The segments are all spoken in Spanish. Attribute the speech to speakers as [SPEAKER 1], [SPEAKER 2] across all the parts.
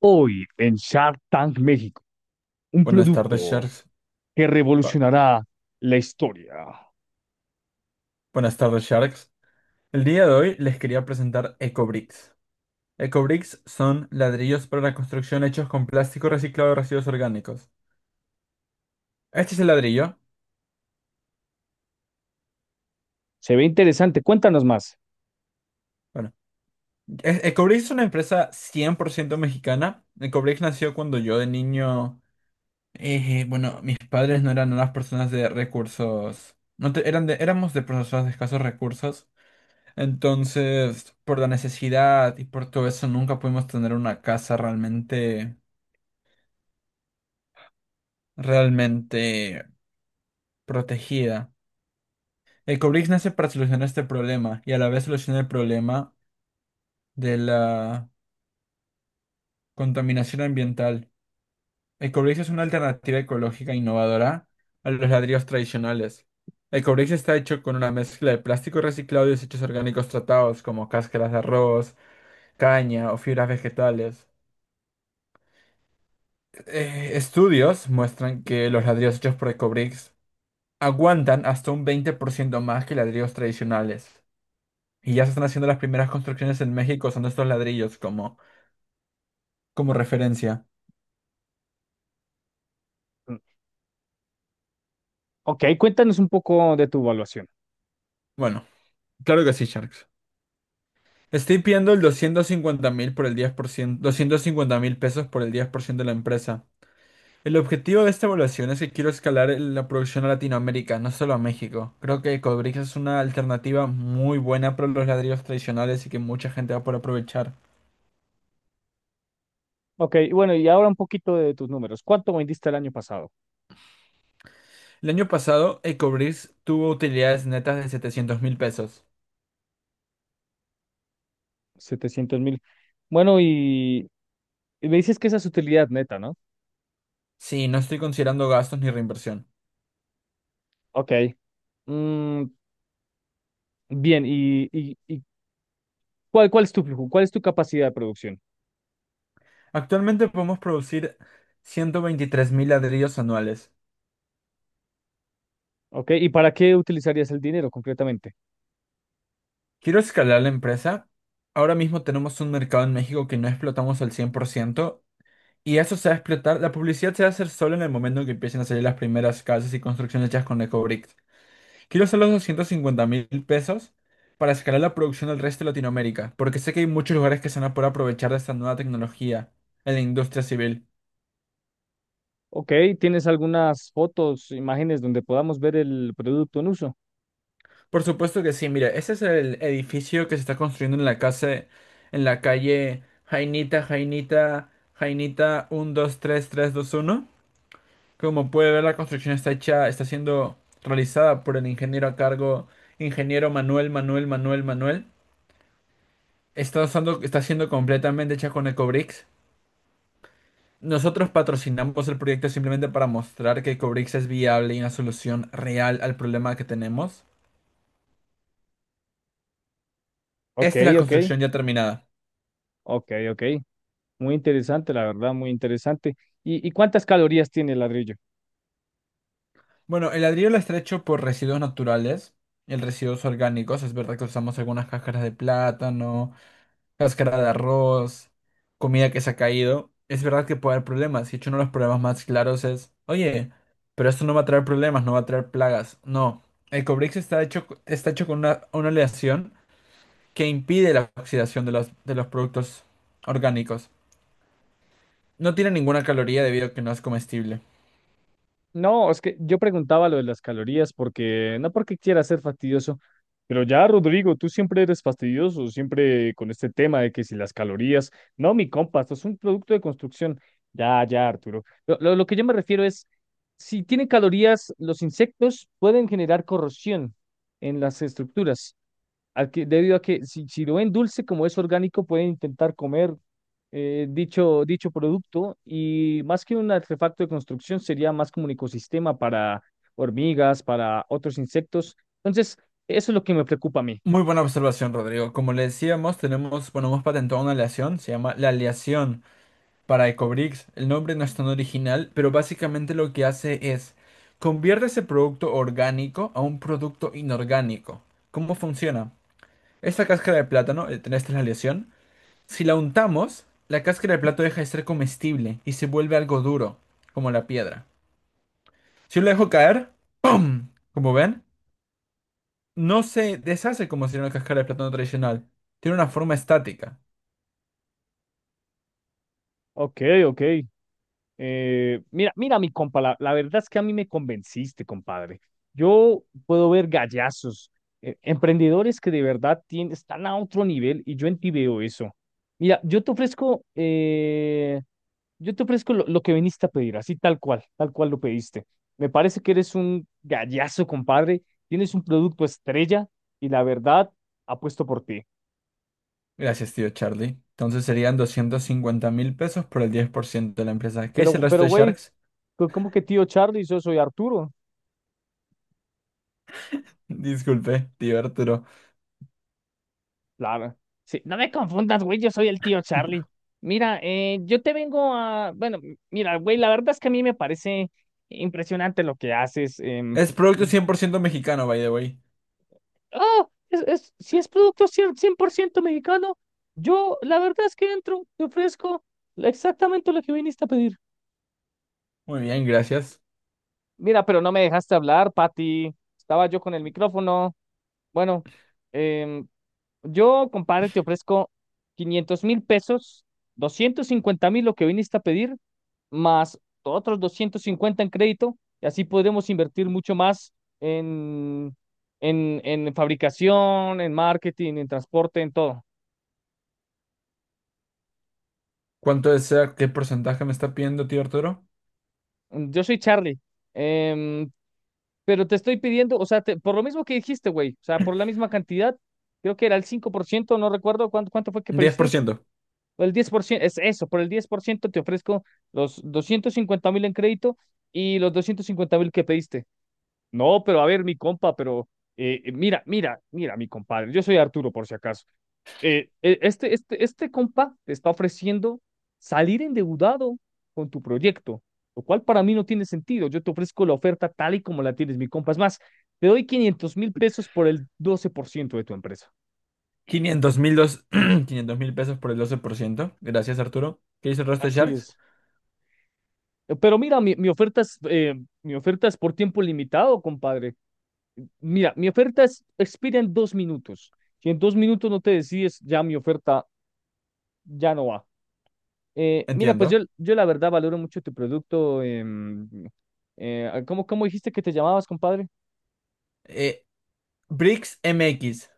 [SPEAKER 1] Hoy en Shark Tank México, un
[SPEAKER 2] Buenas tardes,
[SPEAKER 1] producto
[SPEAKER 2] Sharks.
[SPEAKER 1] que
[SPEAKER 2] Ba-
[SPEAKER 1] revolucionará la historia.
[SPEAKER 2] Buenas tardes, Sharks. El día de hoy les quería presentar EcoBricks. EcoBricks son ladrillos para la construcción hechos con plástico reciclado de residuos orgánicos. Este es el ladrillo.
[SPEAKER 1] Se ve interesante. Cuéntanos más.
[SPEAKER 2] Bueno, EcoBricks es una empresa 100% mexicana. EcoBricks nació cuando yo de niño. Bueno, mis padres no eran unas personas de recursos. No te- eran de- Éramos de personas de escasos recursos. Entonces, por la necesidad y por todo eso, nunca pudimos tener una casa realmente protegida. El Cobrix nace para solucionar este problema y a la vez soluciona el problema de la contaminación ambiental. El Cobrix es una alternativa ecológica innovadora a los ladrillos tradicionales. El Cobrix está hecho con una mezcla de plástico reciclado y desechos orgánicos tratados como cáscaras de arroz, caña o fibras vegetales. Estudios muestran que los ladrillos hechos por Ecobricks aguantan hasta un 20% más que ladrillos tradicionales. Y ya se están haciendo las primeras construcciones en México, son estos ladrillos como referencia.
[SPEAKER 1] Mm, Ok, cuéntanos un poco de tu evaluación.
[SPEAKER 2] Bueno, claro que sí, Sharks. Estoy pidiendo el 250,000 por el 10%, 250,000 pesos por el 10% de la empresa. El objetivo de esta evaluación es que quiero escalar la producción a Latinoamérica, no solo a México. Creo que Ecobricks es una alternativa muy buena para los ladrillos tradicionales y que mucha gente va a poder aprovechar.
[SPEAKER 1] Ok, y bueno, y ahora un poquito de tus números. ¿Cuánto vendiste el año pasado?
[SPEAKER 2] El año pasado, Ecobricks tuvo utilidades netas de 700,000 pesos.
[SPEAKER 1] Setecientos mil. Bueno, y me dices que esa es utilidad neta, ¿no?
[SPEAKER 2] Sí, no estoy considerando gastos ni reinversión.
[SPEAKER 1] Ok. Mm, bien, y cuál es tu flujo? ¿Cuál es tu capacidad de producción?
[SPEAKER 2] Actualmente podemos producir 123,000 ladrillos anuales.
[SPEAKER 1] Ok, ¿y para qué utilizarías el dinero concretamente?
[SPEAKER 2] Quiero escalar la empresa. Ahora mismo tenemos un mercado en México que no explotamos al 100% y eso se va a explotar. La publicidad se va a hacer solo en el momento en que empiecen a salir las primeras casas y construcciones hechas con EcoBricks. Quiero hacer los 250,000 pesos para escalar la producción del resto de Latinoamérica, porque sé que hay muchos lugares que se van a poder aprovechar de esta nueva tecnología en la industria civil.
[SPEAKER 1] Ok, ¿tienes algunas fotos, imágenes donde podamos ver el producto en uso?
[SPEAKER 2] Por supuesto que sí, mira, ese es el edificio que se está construyendo en la casa, en la calle Jainita, Jainita, Jainita uno, dos, tres, tres, dos, uno. Como puede ver, la construcción está hecha, está siendo realizada por el ingeniero a cargo, ingeniero Manuel, Manuel, Manuel, Manuel. Está usando, está siendo completamente hecha con Ecobricks. Nosotros patrocinamos el proyecto simplemente para mostrar que Ecobricks es viable y una solución real al problema que tenemos.
[SPEAKER 1] Ok,
[SPEAKER 2] Esta es la
[SPEAKER 1] ok,
[SPEAKER 2] construcción ya terminada.
[SPEAKER 1] ok, ok. Muy interesante, la verdad, muy interesante. Y cuántas calorías tiene el ladrillo?
[SPEAKER 2] Bueno, el ladrillo lo está hecho por residuos naturales. El residuos orgánicos, es verdad que usamos algunas cáscaras de plátano, cáscara de arroz, comida que se ha caído. Es verdad que puede haber problemas. Y hecho, uno de los problemas más claros es, oye, pero esto no va a traer problemas, no va a traer plagas. No, el Cobrix está hecho con una aleación que impide la oxidación de los productos orgánicos. No tiene ninguna caloría debido a que no es comestible.
[SPEAKER 1] No, es que yo preguntaba lo de las calorías porque no porque quiera ser fastidioso, pero ya, Rodrigo, tú siempre eres fastidioso, siempre con este tema de que si las calorías, no, mi compa, esto es un producto de construcción. Ya, ya, Arturo. Lo que yo me refiero es, si tienen calorías, los insectos pueden generar corrosión en las estructuras debido a que si lo ven dulce, como es orgánico, pueden intentar comer dicho producto, y más que un artefacto de construcción, sería más como un ecosistema para hormigas, para otros insectos. Entonces, eso es lo que me preocupa a mí.
[SPEAKER 2] Muy buena observación, Rodrigo. Como le decíamos, tenemos, bueno, hemos patentado una aleación, se llama la aleación para Ecobricks. El nombre no es tan original, pero básicamente lo que hace es convierte ese producto orgánico a un producto inorgánico. ¿Cómo funciona? Esta cáscara de plátano, esta es la aleación. Si la untamos, la cáscara de plátano deja de ser comestible y se vuelve algo duro, como la piedra. Si yo la dejo caer, ¡pum! Como ven, no se deshace como si era una cáscara de plátano tradicional. Tiene una forma estática.
[SPEAKER 1] Ok, ok. Mira, mi compa, la verdad es que a mí me convenciste, compadre. Yo puedo ver gallazos, emprendedores que de verdad tienen, están a otro nivel y yo en ti veo eso. Mira, yo te ofrezco lo que viniste a pedir, así tal cual lo pediste. Me parece que eres un gallazo, compadre. Tienes un producto estrella y la verdad apuesto por ti.
[SPEAKER 2] Gracias, tío Charlie. Entonces serían 250,000 pesos por el 10% de la empresa. ¿Qué dice el resto
[SPEAKER 1] Pero,
[SPEAKER 2] de
[SPEAKER 1] güey,
[SPEAKER 2] Sharks?
[SPEAKER 1] ¿cómo que tío Charlie? Yo soy Arturo.
[SPEAKER 2] Disculpe, tío Arturo.
[SPEAKER 1] Claro. Sí, no me confundas, güey, yo soy el tío Charlie. Mira, yo te vengo a... Bueno, mira, güey, la verdad es que a mí me parece impresionante lo que haces.
[SPEAKER 2] Es producto 100% mexicano, by the way.
[SPEAKER 1] Ah, es- si es producto 100, 100% mexicano, yo la verdad es que entro, te ofrezco exactamente lo que viniste a pedir.
[SPEAKER 2] Muy bien, gracias.
[SPEAKER 1] Mira, pero no me dejaste hablar, Patty. Estaba yo con el micrófono. Bueno, em, yo, compadre, te ofrezco 500 mil pesos, 250 mil lo que viniste a pedir, más otros 250 en crédito, y así podremos invertir mucho más en, en fabricación, en marketing, en transporte, en todo.
[SPEAKER 2] ¿Cuánto desea? ¿Qué porcentaje me está pidiendo, tío Arturo?
[SPEAKER 1] Yo soy Charlie, em, pero te estoy pidiendo, o sea, por lo mismo que dijiste, güey, o sea, por la misma cantidad, creo que era el cinco por ciento, no recuerdo cuánto, cuánto fue que
[SPEAKER 2] Diez por
[SPEAKER 1] pediste,
[SPEAKER 2] ciento.
[SPEAKER 1] o el 10%, es eso, por el 10% te ofrezco los 250 mil en crédito y los 250 mil que pediste. No, pero a ver, mi compa, pero mira, mi compadre, yo soy Arturo por si acaso. Este compa te está ofreciendo salir endeudado con tu proyecto, lo cual para mí no tiene sentido. Yo te ofrezco la oferta tal y como la tienes, mi compa. Es más, te doy 500 mil pesos por el 12% de tu empresa.
[SPEAKER 2] Quinientos mil dos... 500,000 pesos por el 12%. Gracias, Arturo. ¿Qué dice el resto de
[SPEAKER 1] Así
[SPEAKER 2] Sharks?
[SPEAKER 1] es. Pero mira, mi oferta es por tiempo limitado, compadre. Mira, mi oferta es, expira en dos minutos. Si en dos minutos no te decides, ya mi oferta ya no va. Mira, pues
[SPEAKER 2] Entiendo.
[SPEAKER 1] yo la verdad valoro mucho tu producto. Cómo dijiste que te llamabas, compadre?
[SPEAKER 2] Eh, Bricks MX.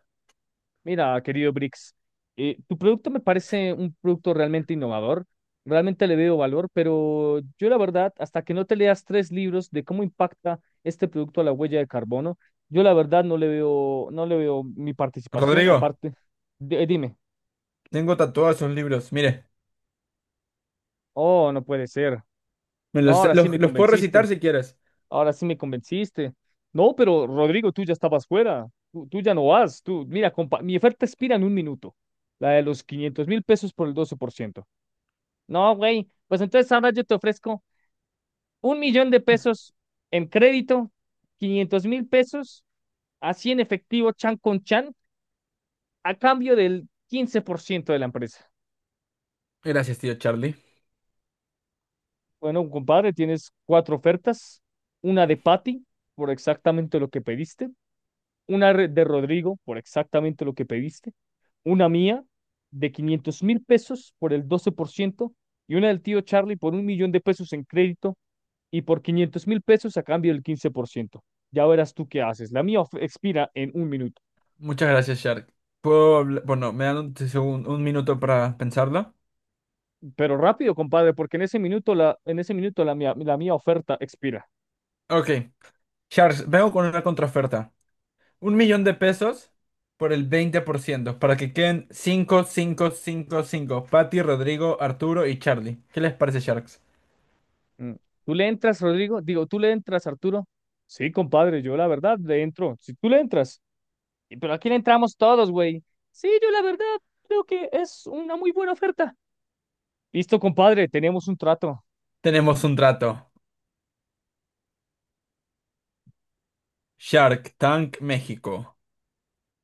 [SPEAKER 1] Mira, querido Brix, tu producto me parece un producto realmente innovador. Realmente le veo valor, pero yo la verdad, hasta que no te leas tres libros de cómo impacta este producto a la huella de carbono, yo la verdad no le veo, no le veo mi participación.
[SPEAKER 2] Rodrigo,
[SPEAKER 1] Aparte, dime,
[SPEAKER 2] tengo tatuados esos libros. Mire,
[SPEAKER 1] oh, no puede ser.
[SPEAKER 2] me
[SPEAKER 1] No,
[SPEAKER 2] los,
[SPEAKER 1] ahora sí
[SPEAKER 2] los
[SPEAKER 1] me
[SPEAKER 2] los puedo recitar
[SPEAKER 1] convenciste.
[SPEAKER 2] si quieres.
[SPEAKER 1] Ahora sí me convenciste. No, pero Rodrigo, tú ya estabas fuera. Tú ya no vas. Tú, mira, compa, mi oferta expira en un minuto. La de los 500 mil pesos por el 12%. No, güey. Pues entonces ahora yo te ofrezco un millón de pesos en crédito, 500 mil pesos, así en efectivo, chan con chan, a cambio del 15% de la empresa.
[SPEAKER 2] Gracias, tío Charlie.
[SPEAKER 1] Bueno, compadre, tienes cuatro ofertas. Una de Patty, por exactamente lo que pediste. Una de Rodrigo, por exactamente lo que pediste, una mía de 500 mil pesos por el doce por ciento, y una del tío Charlie por un millón de pesos en crédito y por 500 mil pesos a cambio del quince por ciento. Ya verás tú qué haces. La mía expira en un minuto.
[SPEAKER 2] Muchas gracias, Shark. Puedo bueno, me dan un minuto para pensarlo.
[SPEAKER 1] Pero rápido, compadre, porque en ese minuto en ese minuto la mía oferta expira.
[SPEAKER 2] Ok, Shark, vengo con una contraoferta. 1,000,000 pesos por el 20% para que queden 5, 5, 5, 5. Patty, Rodrigo, Arturo y Charlie. ¿Qué les parece, Sharks?
[SPEAKER 1] Mm. ¿Tú le entras, Rodrigo? Digo, ¿tú le entras, Arturo? Sí, compadre, yo la verdad le entro. Si tú le entras. "Y, pero aquí le entramos todos, güey. Sí, yo la verdad creo que es una muy buena oferta. Listo, compadre, tenemos un trato.
[SPEAKER 2] Tenemos un trato. Shark Tank México.